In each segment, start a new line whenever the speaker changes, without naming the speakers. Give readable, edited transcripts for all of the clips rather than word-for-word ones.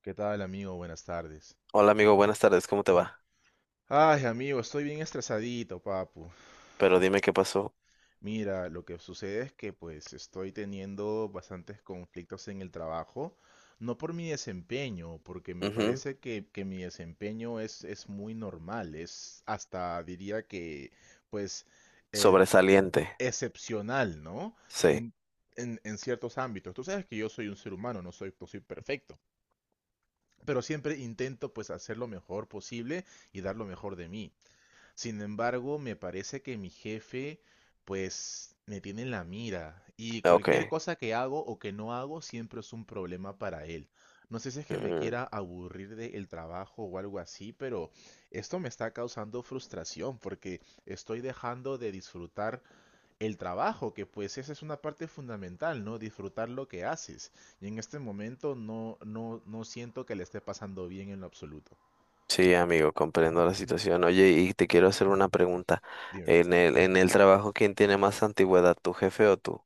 ¿Qué tal, amigo? Buenas tardes.
Hola amigo, buenas tardes, ¿cómo te va?
Ay, amigo, estoy bien estresadito, papu.
Pero dime qué pasó.
Mira, lo que sucede es que pues estoy teniendo bastantes conflictos en el trabajo, no por mi desempeño, porque me
Ujú.
parece que mi desempeño es muy normal, es hasta diría que pues eh,
Sobresaliente.
excepcional, ¿no?
Sí.
En, en ciertos ámbitos. Tú sabes que yo soy un ser humano, no soy perfecto, pero siempre intento pues hacer lo mejor posible y dar lo mejor de mí. Sin embargo, me parece que mi jefe, pues, me tiene en la mira y cualquier
Ok.
cosa que hago o que no hago siempre es un problema para él. No sé si es que me
Mm.
quiera aburrir del trabajo o algo así, pero esto me está causando frustración porque estoy dejando de disfrutar el trabajo, que pues esa es una parte fundamental, ¿no? Disfrutar lo que haces. Y en este momento no siento que le esté pasando bien en lo absoluto.
Sí, amigo, comprendo la situación. Oye, y te quiero hacer una pregunta.
Dímelo.
En el trabajo, ¿quién tiene más antigüedad, tu jefe o tú?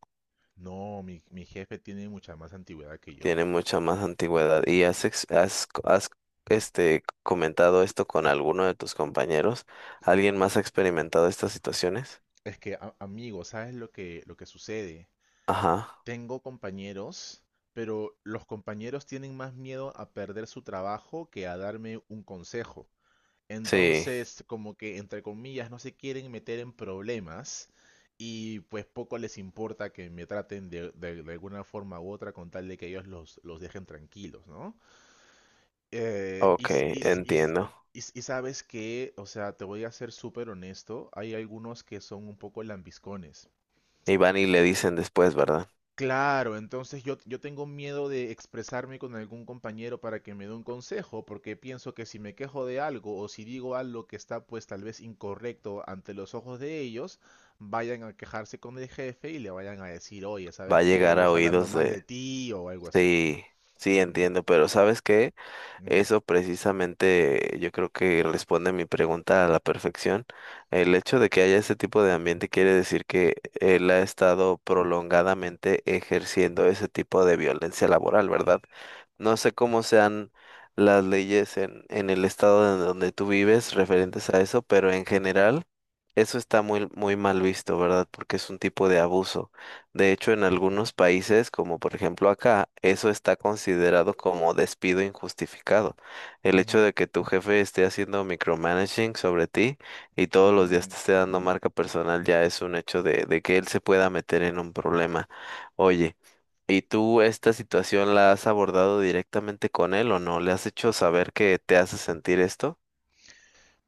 No, mi jefe tiene mucha más antigüedad que yo.
Tiene mucha más antigüedad. ¿Y has, comentado esto con alguno de tus compañeros? ¿Alguien más ha experimentado estas situaciones?
Es que, amigo, ¿sabes lo lo que sucede?
Ajá,
Tengo compañeros, pero los compañeros tienen más miedo a perder su trabajo que a darme un consejo.
sí,
Entonces, como que, entre comillas, no se quieren meter en problemas y pues poco les importa que me traten de, de alguna forma u otra con tal de que ellos los dejen tranquilos, ¿no? Y,
ok,
s- y s- y s-
entiendo.
y s- y sabes que, o sea, te voy a ser súper honesto, hay algunos que son un poco lambiscones.
Y van y le dicen después, ¿verdad?
Claro, entonces yo tengo miedo de expresarme con algún compañero para que me dé un consejo, porque pienso que si me quejo de algo o si digo algo que está pues tal vez incorrecto ante los ojos de ellos, vayan a quejarse con el jefe y le vayan a decir, oye,
Va
¿sabes
a
qué?
llegar a
Ellos hablando
oídos
mal
de.
de ti o algo así.
Sí, sí,
Ujú,
entiendo, pero ¿sabes qué?
ujú,
Eso precisamente yo creo que responde mi pregunta a la perfección. El hecho de que haya ese tipo de ambiente quiere decir que él ha estado prolongadamente ejerciendo ese tipo de violencia laboral, ¿verdad? No sé cómo sean las leyes en el estado en donde tú vives
ujú,
referentes a eso, pero en general eso está muy, muy mal visto, ¿verdad? Porque es un tipo de abuso. De hecho, en algunos países, como por ejemplo acá, eso está considerado como despido injustificado. El hecho
ujú,
de que tu jefe esté haciendo micromanaging sobre ti y todos los días
mm,
te esté dando marca personal ya es un hecho de que él se pueda meter en un problema. Oye, ¿y tú esta situación la has abordado directamente con él o no? ¿Le has hecho saber que te hace sentir esto?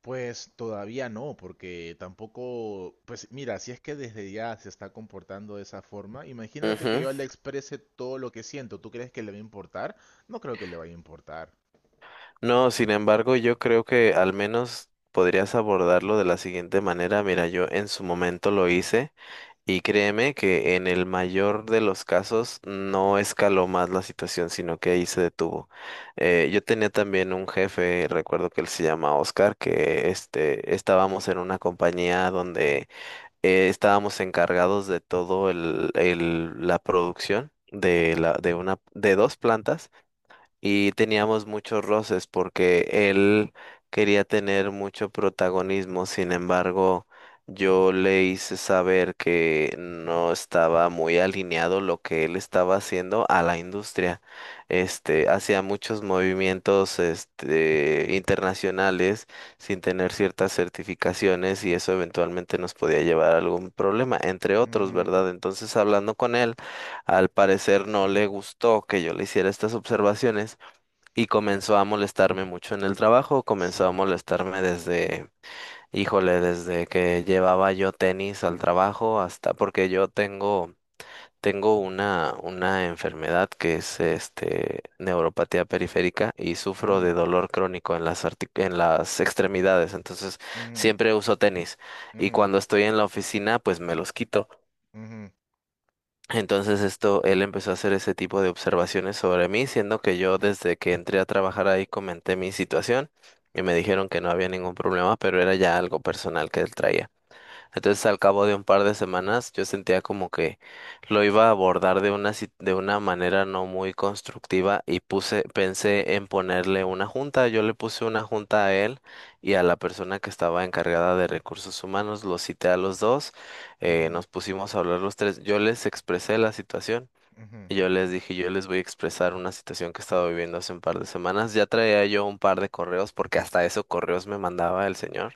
pues todavía no, porque tampoco, pues mira, si es que desde ya se está comportando de esa forma, imagínate que
Ujú.
yo le exprese todo lo que siento. ¿Tú crees que le va a importar? No creo que le vaya a importar.
No, sin embargo, yo creo que al menos podrías abordarlo de la siguiente manera. Mira, yo en su momento lo hice y créeme que en el mayor de los casos no escaló más la situación, sino que ahí se detuvo. Yo tenía también un jefe, recuerdo que él se llama Oscar, que este, estábamos en una compañía donde estábamos encargados de todo la producción de la, de una, de dos plantas y teníamos muchos roces porque él quería tener mucho protagonismo. Sin embargo, yo le hice saber que no estaba muy alineado lo que él estaba haciendo a la industria. Este, hacía muchos movimientos, este, internacionales sin tener ciertas certificaciones y eso eventualmente nos podía llevar a algún problema, entre otros,
Ujú,
¿verdad? Entonces, hablando con él, al parecer no le gustó que yo le hiciera estas observaciones y comenzó a molestarme mucho en el trabajo, comenzó a
sí.
molestarme desde, híjole, desde que llevaba yo tenis al trabajo, hasta porque yo tengo, tengo una enfermedad que es este neuropatía periférica y sufro de
Ujú,
dolor crónico en las en las extremidades, entonces
ujú,
siempre uso tenis y
ujú,
cuando estoy en la oficina pues me los quito.
ujú,
Entonces esto, él empezó a hacer ese tipo de observaciones sobre mí, siendo que yo desde que entré a trabajar ahí comenté mi situación y me dijeron que no había ningún problema, pero era ya algo personal que él traía. Entonces, al cabo de un par de semanas, yo sentía como que lo iba a abordar de una, de una manera no muy constructiva y puse, pensé en ponerle una junta. Yo le puse una junta a él y a la persona que estaba encargada de recursos humanos. Los cité a los dos,
ujú,
nos pusimos a hablar los tres. Yo les expresé la situación.
ujú.
Y yo les dije, yo les voy a expresar una situación que he estado viviendo hace un par de semanas. Ya traía yo un par de correos, porque hasta eso correos me mandaba el señor.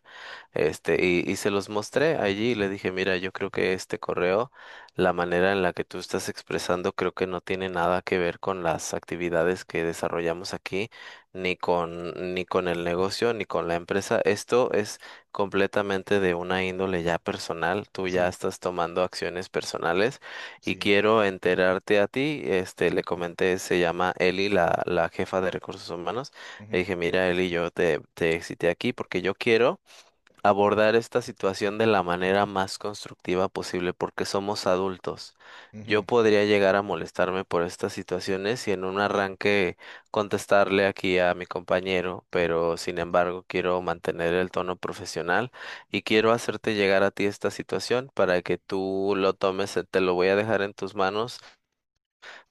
Este, y se los mostré allí y le dije, mira, yo creo que este correo, la manera en la que tú estás expresando, creo que no tiene nada que ver con las actividades que desarrollamos aquí, ni con el negocio, ni con la empresa. Esto es completamente de una índole ya personal. Tú ya
Sí,
estás tomando acciones personales y
sí.
quiero enterarte a ti. Este, le comenté, se llama Eli, la jefa de recursos humanos. Le
Ujú,
dije, mira, Eli, yo te cité aquí porque yo quiero abordar esta situación de la manera más constructiva posible porque somos adultos. Yo
ujú.
podría llegar a molestarme por estas situaciones y en un arranque contestarle aquí a mi compañero, pero sin embargo quiero mantener el tono profesional y quiero hacerte llegar a ti esta situación para que tú lo tomes, te lo voy a dejar en tus manos.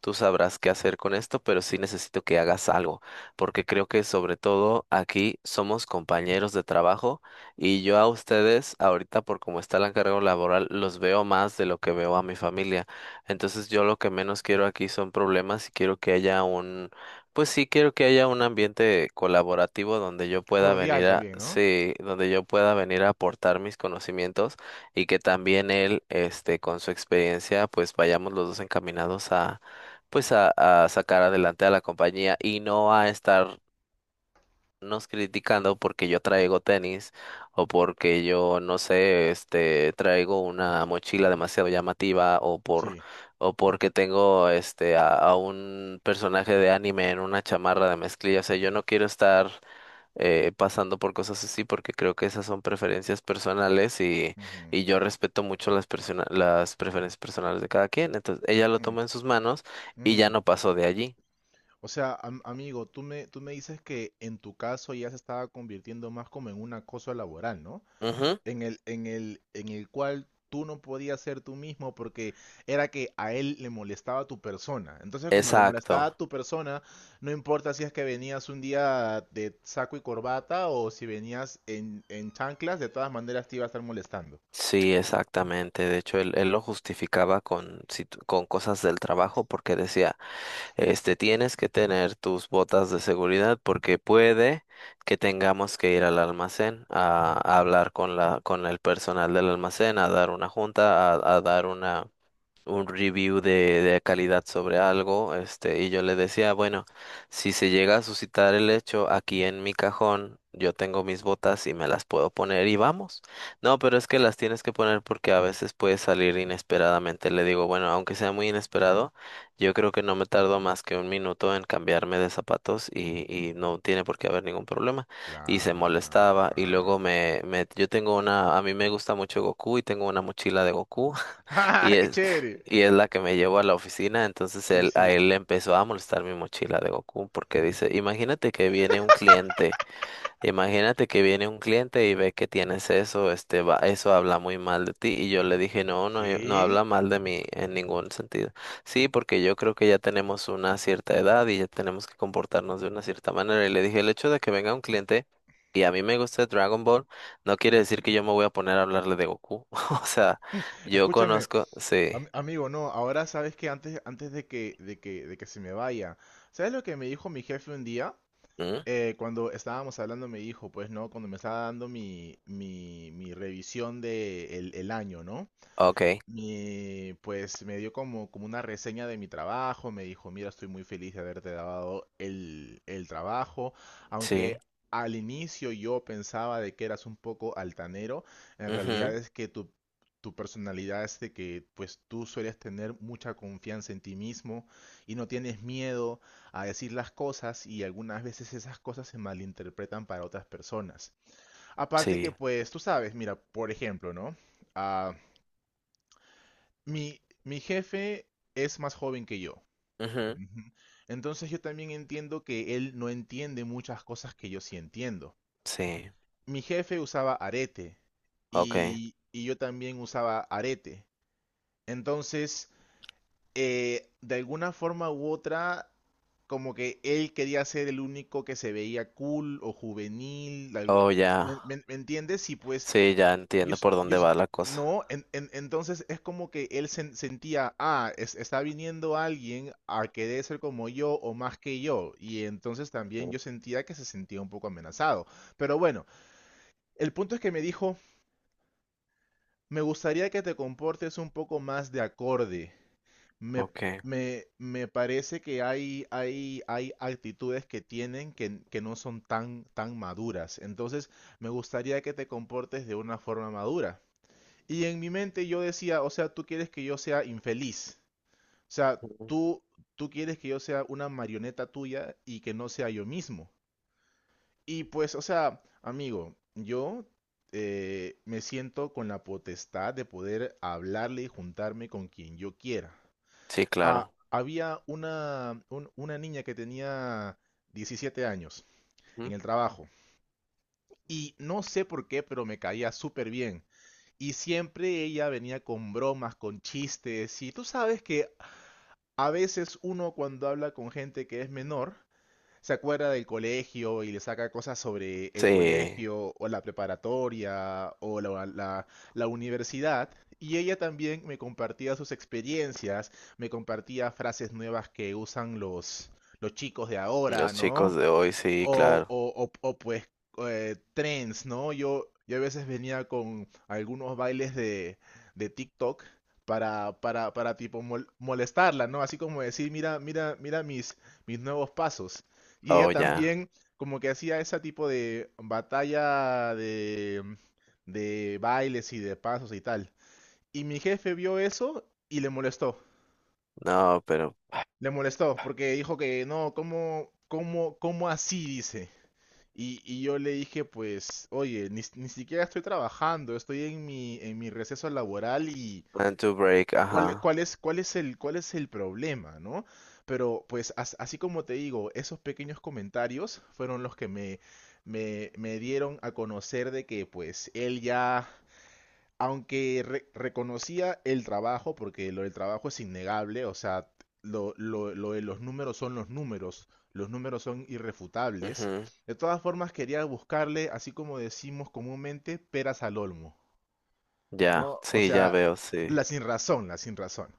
Tú sabrás qué hacer con esto, pero sí necesito que hagas algo, porque creo que sobre todo aquí somos compañeros de trabajo y yo a ustedes ahorita por cómo está el encargo laboral los veo más de lo que veo a mi familia. Entonces yo lo que menos quiero aquí son problemas y quiero que haya un, pues sí quiero que haya un ambiente colaborativo donde yo pueda
Cordial
venir a,
también, ¿no?
sí, donde yo pueda venir a aportar mis conocimientos y que también él, este, con su experiencia, pues vayamos los dos encaminados a pues a sacar adelante a la compañía y no a estarnos criticando porque yo traigo tenis o porque yo no sé, este, traigo una mochila demasiado llamativa o por
Sí.
o porque tengo este a un personaje de anime en una chamarra de mezclilla. O sea, yo no quiero estar pasando por cosas así porque creo que esas son preferencias personales
Ujú,
y yo respeto mucho las las preferencias personales de cada quien. Entonces, ella lo
ujú,
tomó en sus manos y ya
ujú.
no pasó de allí.
O sea, amigo, tú me dices que en tu caso ya se estaba convirtiendo más como en un acoso laboral, ¿no?
Ujú.
En el, en el, en el cual tú no podías ser tú mismo porque era que a él le molestaba tu persona. Entonces, como le
Exacto,
molestaba tu persona, no importa si es que venías un día de saco y corbata o si venías en chanclas, de todas maneras te iba a estar molestando.
sí, exactamente. De hecho, él lo justificaba con, con cosas del trabajo porque decía, este, tienes que tener tus botas de seguridad porque puede que tengamos que ir al almacén a hablar con la, con el personal del almacén, a dar una junta, a dar una un review de calidad sobre algo, este, y yo le decía, bueno, si se llega a suscitar el hecho aquí en mi cajón, yo tengo mis botas y me las puedo poner y vamos. No, pero es que las tienes que poner porque a veces puede salir inesperadamente. Le digo, bueno, aunque sea muy inesperado, yo creo que no me tardo más que un minuto en cambiarme de zapatos y no tiene por qué haber ningún problema. Y se molestaba y luego
Claro.
yo tengo una, a mí me gusta mucho Goku y tengo una mochila de Goku. Y
¡Ah, qué
es,
chévere!
y es la que me llevó a la oficina, entonces
Sí,
él, a
sí.
él le empezó a molestar mi mochila de Goku porque dice, imagínate que viene un cliente. Imagínate que viene un cliente y ve que tienes eso, este, va, eso habla muy mal de ti. Y yo le dije, no, no, no
¿Qué?
habla mal de mí en ningún sentido. Sí, porque yo creo que ya tenemos una cierta edad y ya tenemos que comportarnos de una cierta manera. Y le dije, el hecho de que venga un cliente y a mí me guste Dragon Ball, no quiere decir que yo me voy a poner a hablarle de Goku. O sea, yo
Escúchame,
conozco, sí.
amigo, no, ahora sabes que antes, antes de de que se me vaya, ¿sabes lo que me dijo mi jefe un día?
¿Mm?
Cuando estábamos hablando me dijo, pues, ¿no? Cuando me estaba dando mi revisión de el año, ¿no?
Ok,
Y pues me dio como, como una reseña de mi trabajo, me dijo, mira, estoy muy feliz de haberte dado el trabajo, aunque
sí.
al inicio yo pensaba de que eras un poco altanero, en realidad
Ujú,
es que tu personalidad es de que pues tú sueles tener mucha confianza en ti mismo y no tienes miedo a decir las cosas y algunas veces esas cosas se malinterpretan para otras personas. Aparte que
sí.
pues tú sabes, mira, por ejemplo, ¿no? Ah, mi jefe es más joven que yo.
Ujú,
Ujú. Entonces yo también entiendo que él no entiende muchas cosas que yo sí entiendo.
sí.
Mi jefe usaba arete
Ok.
y yo también usaba arete. Entonces, de alguna forma u otra, como que él quería ser el único que se veía cool o juvenil.
Oh, ya.
¿Me, me entiendes? Y pues
Sí, ya
Yo,
entiendo
s-
por
yo
dónde
s-
va la cosa.
no, entonces es como que él sentía, ah, está viniendo alguien a querer ser como yo o más que yo, y entonces también
Mm.
yo sentía que se sentía un poco amenazado. Pero bueno, el punto es que me dijo, me gustaría que te comportes un poco más de acorde. Me,
Ok.
me parece que hay, hay actitudes que tienen que no son tan, tan maduras. Entonces, me gustaría que te comportes de una forma madura. Y en mi mente yo decía, o sea, tú quieres que yo sea infeliz. O sea,
Ujú.
tú quieres que yo sea una marioneta tuya y que no sea yo mismo. Y pues, o sea, amigo, yo me siento con la potestad de poder hablarle y juntarme con quien yo quiera.
Sí,
Ah,
claro.
había una, una niña que tenía 17 años en
Ujú.
el trabajo. Y no sé por qué, pero me caía súper bien. Y siempre ella venía con bromas, con chistes. Y tú sabes que a veces uno cuando habla con gente que es menor, se acuerda del colegio y le saca cosas sobre el
Sí,
colegio o la preparatoria o la universidad. Y ella también me compartía sus experiencias, me compartía frases nuevas que usan los chicos de ahora,
los
¿no?
chicos de hoy, sí, claro.
Pues trends, ¿no? Yo a veces venía con algunos bailes de TikTok para tipo molestarla, ¿no? Así como decir, mira mis nuevos pasos. Y
Oh,
ella
ya.
también como que hacía ese tipo de batalla de bailes y de pasos y tal. Y mi jefe vio eso y le molestó.
No, pero
Le molestó porque dijo que no, cómo así? Dice. Y yo le dije, pues, oye, ni siquiera estoy trabajando, estoy en mi receso laboral y
plan to break, ajá.
cuál es cuál es el problema, ¿no? Pero pues así como te digo, esos pequeños comentarios fueron los que me dieron a conocer de que pues él ya aunque reconocía el trabajo, porque lo del trabajo es innegable, o sea, lo de los números son irrefutables.
Ujú.
De todas formas, quería buscarle, así como decimos comúnmente, peras al olmo,
Ya,
¿no? O
sí, ya
sea,
veo, sí.
la sin razón, la sin razón.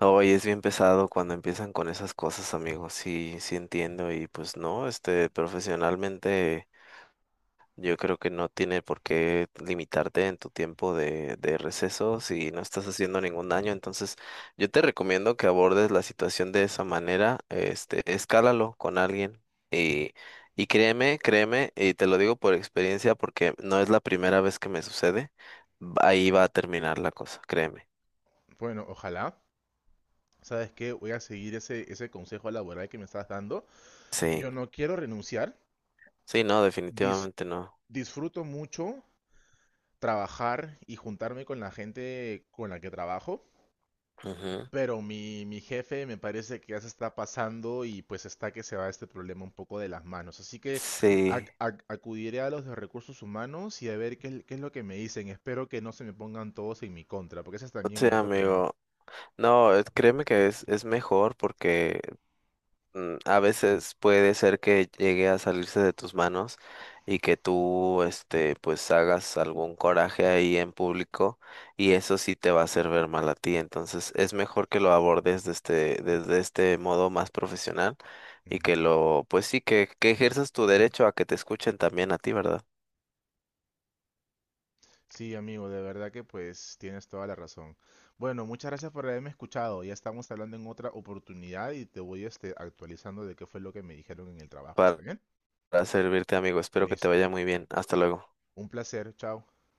Hoy es bien pesado cuando empiezan con esas cosas, amigo. Sí, sí entiendo. Y pues no, este, profesionalmente. Yo creo que no tiene por qué limitarte en tu tiempo de receso si no estás haciendo ningún daño. Entonces, yo te recomiendo que abordes la situación de esa manera. Este, escálalo con alguien y, y créeme, y te lo digo por experiencia porque no es la primera vez que me sucede. Ahí va a terminar la cosa, créeme.
Bueno, ojalá. ¿Sabes qué? Voy a seguir ese consejo laboral que me estás dando.
Sí,
Yo no quiero renunciar.
sí, no,
dis-
definitivamente no.
Disfruto mucho trabajar y juntarme con la gente con la que trabajo.
Ujú.
Pero mi jefe me parece que ya se está pasando y pues está que se va este problema un poco de las manos. Así que
Sí,
acudiré a los de recursos humanos y a ver qué, qué es lo que me dicen. Espero que no se me pongan todos en mi contra, porque ese es también
sí,
mi otro temor.
amigo. No, créeme que es mejor porque Mm, a veces puede ser que llegue a salirse de tus manos y que tú, este, pues hagas algún coraje ahí en público y eso sí te va a hacer ver mal a ti. Entonces es mejor que lo abordes desde, desde este modo más profesional y que
Ujú.
lo, pues sí, que ejerzas tu derecho a que te escuchen también a ti, ¿verdad?
Sí, amigo, de verdad que pues tienes toda la razón. Bueno, muchas gracias por haberme escuchado. Ya estamos hablando en otra oportunidad y te voy este, actualizando de qué fue lo que me dijeron en el trabajo.
Para,
¿Está bien?
para servirte, amigo. Espero que te
Listo.
vaya muy bien. Hasta luego.
Un placer. Chao.